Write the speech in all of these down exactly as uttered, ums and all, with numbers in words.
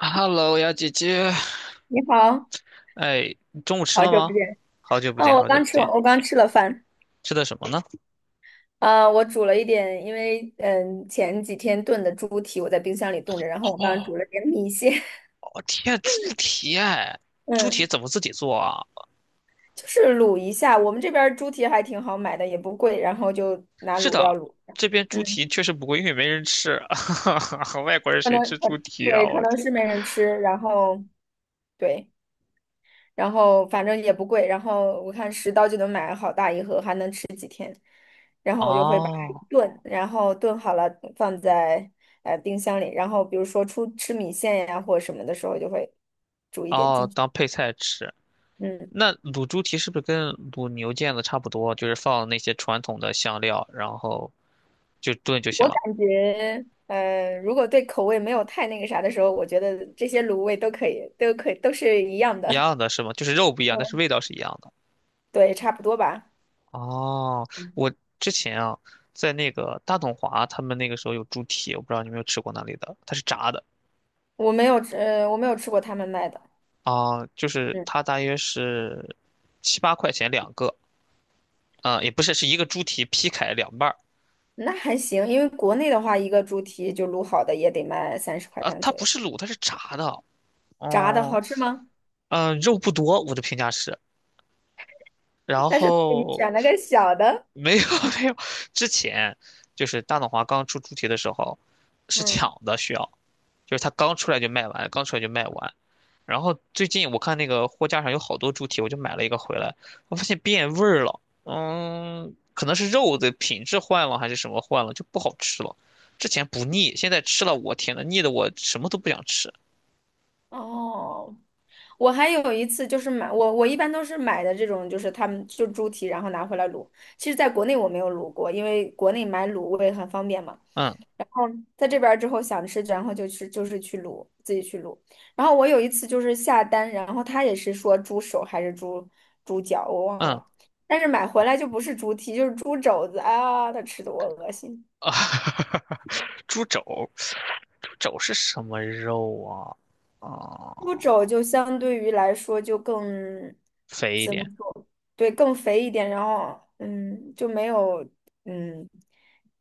Hello，呀姐姐，你好，哎，你中午吃好了久吗？不见。好久不哦，见，我好久刚不吃完，见，我刚吃了饭。吃的什么呢？啊、我煮了一点，因为嗯前几天炖的猪蹄我在冰箱里冻着，然后我刚煮哦，了点米线，天，猪蹄哎，猪蹄嗯，怎么自己做啊？就是卤一下。我们这边儿猪蹄还挺好买的，也不贵，然后就拿是卤料的，卤一下。这边猪嗯，蹄确实不贵，因为没人吃，哈哈，外国人可能谁吃猪可蹄啊？对，可我能天。是没人吃，然后对，然后反正也不贵，然后我看十刀就能买好大一盒，还能吃几天。然后我就会把它哦炖，然后炖好了放在呃冰箱里，然后比如说出吃米线呀或者什么的时候，就会煮一点哦，进去。当配菜吃。嗯，那卤猪蹄是不是跟卤牛腱子差不多？就是放那些传统的香料，然后就炖就行我了。感觉呃，如果对口味没有太那个啥的时候，我觉得这些卤味都可以，都可以，都是一样的。一样的是吗？就是肉不一样，但是嗯，味道是一样的。对，差不多吧。哦，嗯，我之前啊，在那个大董华，他们那个时候有猪蹄，我不知道你有没有吃过那里的，它是炸的。我没有吃，呃，我没有吃过他们卖的。啊，就是嗯，它大约是七八块钱两个，啊，也不是，是一个猪蹄劈开两半儿。那还行，因为国内的话，一个猪蹄就卤好的也得卖三十块啊，钱它左不右。是卤，它是炸的。炸的嗯好吃吗？嗯，肉不多，我的评价是。然但是你后选了个小的。没有 没有，之前就是大董华刚出猪蹄的时候是嗯，抢的，需要。就是它刚出来就卖完，刚出来就卖完。然后最近我看那个货架上有好多猪蹄，我就买了一个回来。我发现变味儿了。嗯，可能是肉的品质换了，还是什么换了，就不好吃了。之前不腻，现在吃了，我天呐，腻的我什么都不想吃。哦，我还有一次就是买，我我一般都是买的这种，就是他们就猪蹄，然后拿回来卤。其实，在国内我没有卤过，因为国内买卤味很方便嘛。嗯在这边儿之后想吃，然后就去就是去卤，自己去卤。然后我有一次就是下单，然后他也是说猪手还是猪猪脚，我忘嗯了，但是买回来就不是猪蹄，就是猪肘子啊，他吃的我恶心。啊，猪肘，猪肘是什么肉啊？猪啊，肘就相对于来说就更肥一怎么点。说？对，更肥一点，然后嗯，就没有嗯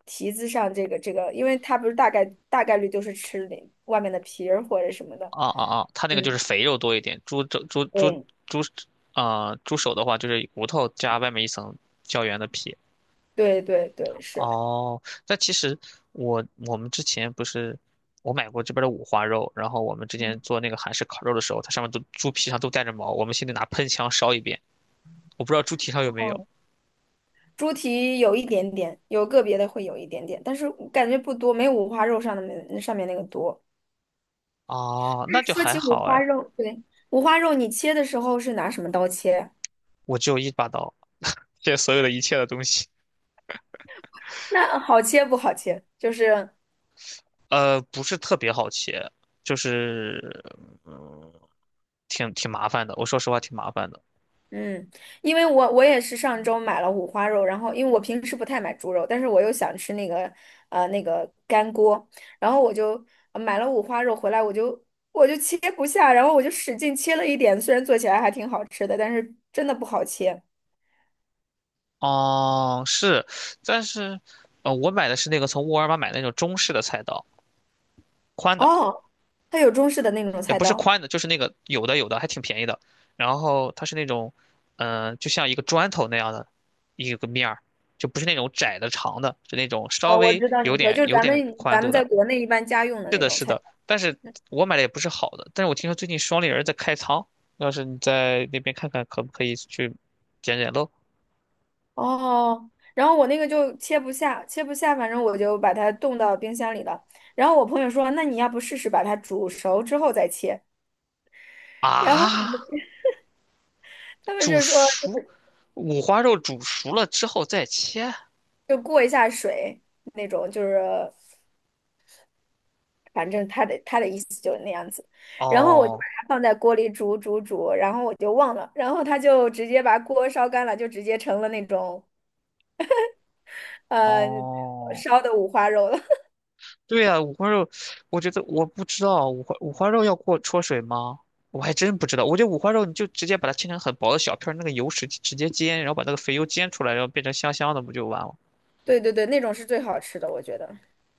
蹄子上这个这个，因为它不是大概大概率都是吃里外面的皮儿或者什么的。啊啊啊，它那个就是嗯，肥肉多一点，猪肘猪猪对猪啊、猪手的话就是骨头加外面一层胶原的皮。对对对，是。哦，那其实我我们之前不是我买过这边的五花肉，然后我们之前嗯，做那个韩式烤肉的时候，它上面都猪皮上都带着毛，我们现在拿喷枪烧一遍。我不知道猪蹄上有没哦，有。猪蹄有一点点，有个别的会有一点点，但是我感觉不多，没有五花肉上的那上面那个多。哦，那但是就说还起五好花哎。肉，对，五花肉你切的时候是拿什么刀切啊？我只有一把刀，这所有的一切的东西，那好切不好切，就是呃，不是特别好切，就是。嗯。挺挺麻烦的，我说实话挺麻烦的。嗯，因为我我也是上周买了五花肉，然后因为我平时不太买猪肉，但是我又想吃那个呃那个干锅，然后我就呃买了五花肉回来，我就我就切不下，然后我就使劲切了一点，虽然做起来还挺好吃的，但是真的不好切。哦，是，但是，呃，我买的是那个从沃尔玛买的那种中式的菜刀，宽的。哦，它有中式的那种也菜不是刀，宽的，就是那个有的有的还挺便宜的。然后它是那种，嗯、就像一个砖头那样的一个面儿，就不是那种窄的长的，是那种稍呃，我微知道有你说点就是有咱点们宽咱度们在的。国内一般家用的是那的，种是菜。的，但是我买的也不是好的。但是我听说最近双立人在开仓，要是你在那边看看，可不可以去捡捡漏哦，然后我那个就切不下，切不下，反正我就把它冻到冰箱里了。然后我朋友说，那你要不试试把它煮熟之后再切？啊？他们煮就说熟，五花肉煮熟了之后再切。就过一下水那种，就是反正他的他的意思就是那样子。然后我就把哦它放在锅里煮煮煮，然后我就忘了，然后他就直接把锅烧干了，就直接成了那种呃哦，烧的五花肉了。对呀、五花肉。我觉得我不知道五花五花肉要过焯水吗？我还真不知道。我觉得五花肉你就直接把它切成很薄的小片儿，那个油脂直接煎，然后把那个肥油煎出来，然后变成香香的，不就完了？对对对，那种是最好吃的，我觉得。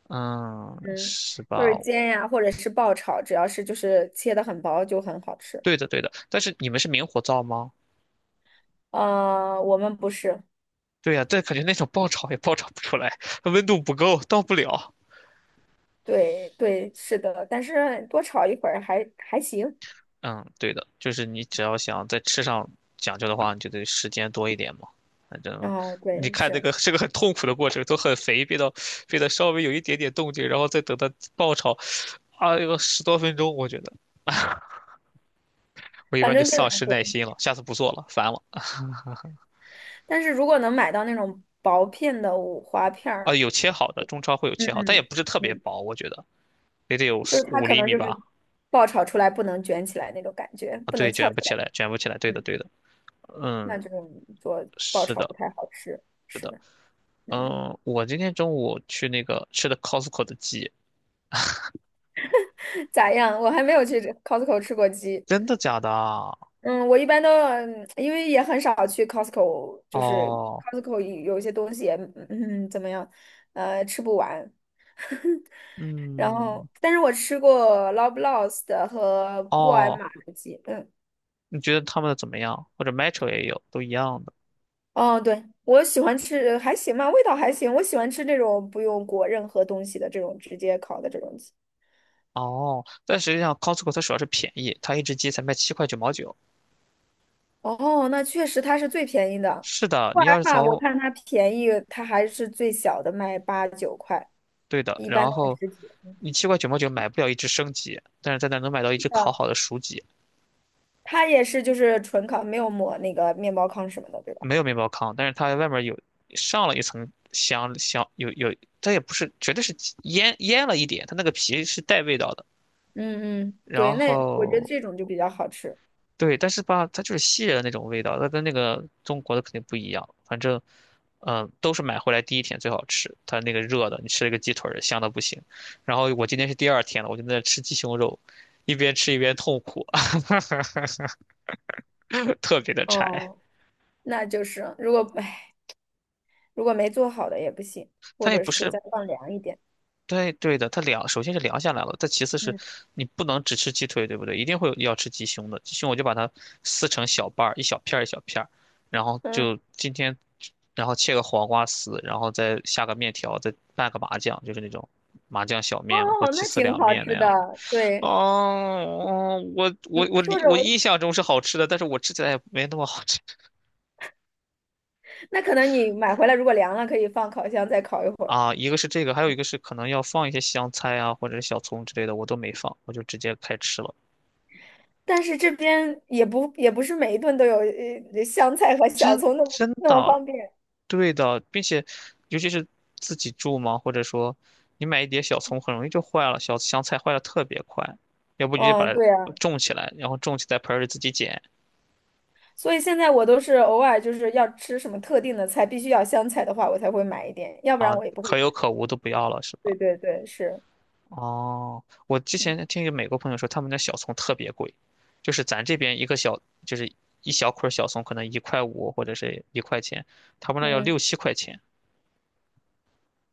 嗯，嗯，是就吧？是煎呀，或者是爆炒，只要是就是切的很薄就很好吃。对的对的。但是你们是明火灶吗？呃，我们不是，对呀、但感觉那种爆炒也爆炒不出来，温度不够，到不了。对对，是的，但是多炒一会儿还还行。嗯，对的，就是你只要想在吃上讲究的话，你就得时间多一点嘛。反正然后你对，看这是，个是个很痛苦的过程，都很肥变到变得稍微有一点点动静，然后再等它爆炒。啊，有十多分钟，我觉得我一反般就正就丧两失种耐心了，下次不做了，烦了。但是如果能买到那种薄片的五花片啊，儿，有切好的，中超会有嗯切好，但也嗯不是特别嗯，薄，我觉得也得有就是四它五可厘能米就是吧。爆炒出来不能卷起来那种感觉，啊，不对，能翘卷起不起来，来，卷不起来，对的，嗯，对的，那嗯，这种做爆是炒不的，太好吃。是是的，的，嗯，嗯，我今天中午去那个吃的 Costco 的鸡。咋样？我还没有去 Costco 吃过鸡。真的假的啊？嗯，我一般都，嗯因为也很少去 Costco,就是 哦，Costco 有一些东西也，嗯，怎么样，呃，吃不完。然嗯，后，但是我吃过 l o v e l o w s 的和沃尔哦，玛的鸡，嗯，你觉得他们的怎么样？或者 Metro 也有，都一样的。哦，对，我喜欢吃，还行吧，味道还行。我喜欢吃这种不用裹任何东西的这种直接烤的这种鸡。哦，但实际上 Costco 它主要是便宜，它一只鸡才卖七块九毛九。哦，那确实它是最便宜的。是的，沃你尔要是玛我从，看它便宜，它还是最小的卖八九块，对的，一般然都是后十几。你七块九毛九买不了一只生鸡，但是在那儿能买到一只烤好的熟鸡。它也是就是纯烤，没有抹那个面包糠什么的，对吧？没有面包糠，但是它外面有上了一层香香，有有，它也不是，绝对是腌腌了一点，它那个皮是带味道的。嗯嗯，对，然那我觉得后这种就比较好吃。对，但是吧，它就是西人的那种味道，它跟那个中国的肯定不一样。反正，嗯、都是买回来第一天最好吃，它那个热的，你吃了一个鸡腿儿香的不行。然后我今天是第二天了，我就在那吃鸡胸肉，一边吃一边痛苦，特别的柴。哦，那就是如果唉，如果没做好的也不行，或它也者不是是，再放凉一点。对对的，它凉，首先是凉下来了，再其次是嗯，你不能只吃鸡腿，对不对？一定会有要吃鸡胸的，鸡胸我就把它撕成小瓣儿，一小片儿一小片儿，然后嗯，就今天，然后切个黄瓜丝，然后再下个面条，再拌个麻酱，就是那种麻酱小哦，面嘛，或鸡那丝挺凉好面那吃样的。的。对，哦，我你我我说理着我我，印象中是好吃的，但是我吃起来也没那么好吃那可能你买回来如果凉了，可以放烤箱再烤一会儿。啊。一个是这个，还有一个是可能要放一些香菜啊，或者是小葱之类的，我都没放，我就直接开吃了。但是这边也不也不是每一顿都有呃香菜和小真葱那么真那么的，方便。对的，并且尤其是自己住嘛，或者说你买一碟小葱，很容易就坏了，小香菜坏的特别快，要不你就嗯，把它对啊。种起来，然后种起在盆儿里自己捡所以现在我都是偶尔就是要吃什么特定的菜，必须要香菜的话，我才会买一点，要不然啊，我也不会可有买。可无都不要了，是对吧？对对，是，哦，我之前听一个美国朋友说，他们的小葱特别贵，就是咱这边一个小，就是一小捆儿小葱可能一块五或者是一块钱，他们那要嗯，六七块钱。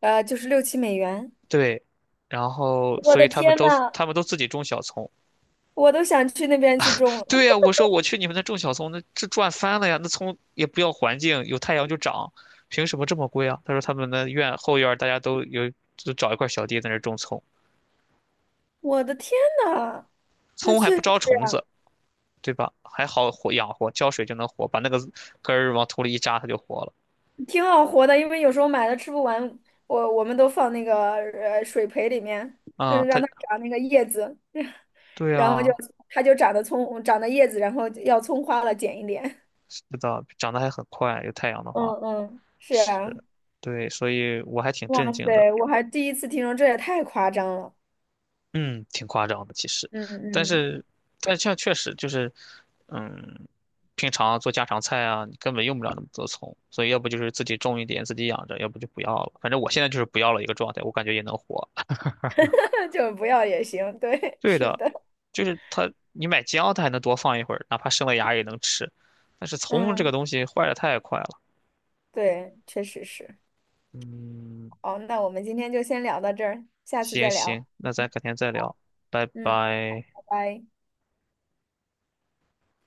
呃，就是六七美元。对，然后我所以的他们天都呐，他们都自己种小葱。我都想去那边去种了。对呀，我说我去你们那种小葱，那这赚翻了呀！那葱也不要环境，有太阳就长，凭什么这么贵啊？他说他们那院后院儿大家都有，就找一块小地在那儿种葱，我的天呐，那葱还确不实招虫子，啊对吧？还好活养活，浇水就能活，把那个根儿往土里一扎，它就活了。挺好活的，因为有时候买了吃不完，我我们都放那个呃水培里面，啊、嗯，它让它长那个叶子，对然后就啊，它就长得葱，长得叶子，然后要葱花了，剪一点。是的，长得还很快，有太阳的嗯话嗯，是是，啊。对，所以我还挺哇震惊的。塞，我还第一次听说，这也太夸张了。嗯，挺夸张的其实，嗯但嗯，是但这样确实就是，嗯，平常做家常菜啊，你根本用不了那么多葱，所以要不就是自己种一点自己养着，要不就不要了。反正我现在就是不要了一个状态，我感觉也能活。就不要也行。对，对是的，的，就是它，你买姜它还能多放一会儿，哪怕生了芽也能吃，但是葱这个嗯，东西坏的太快了。对，确实是。嗯，哦，那我们今天就先聊到这儿，下次行再行，聊。那咱改天再聊，拜嗯，拜。拜拜。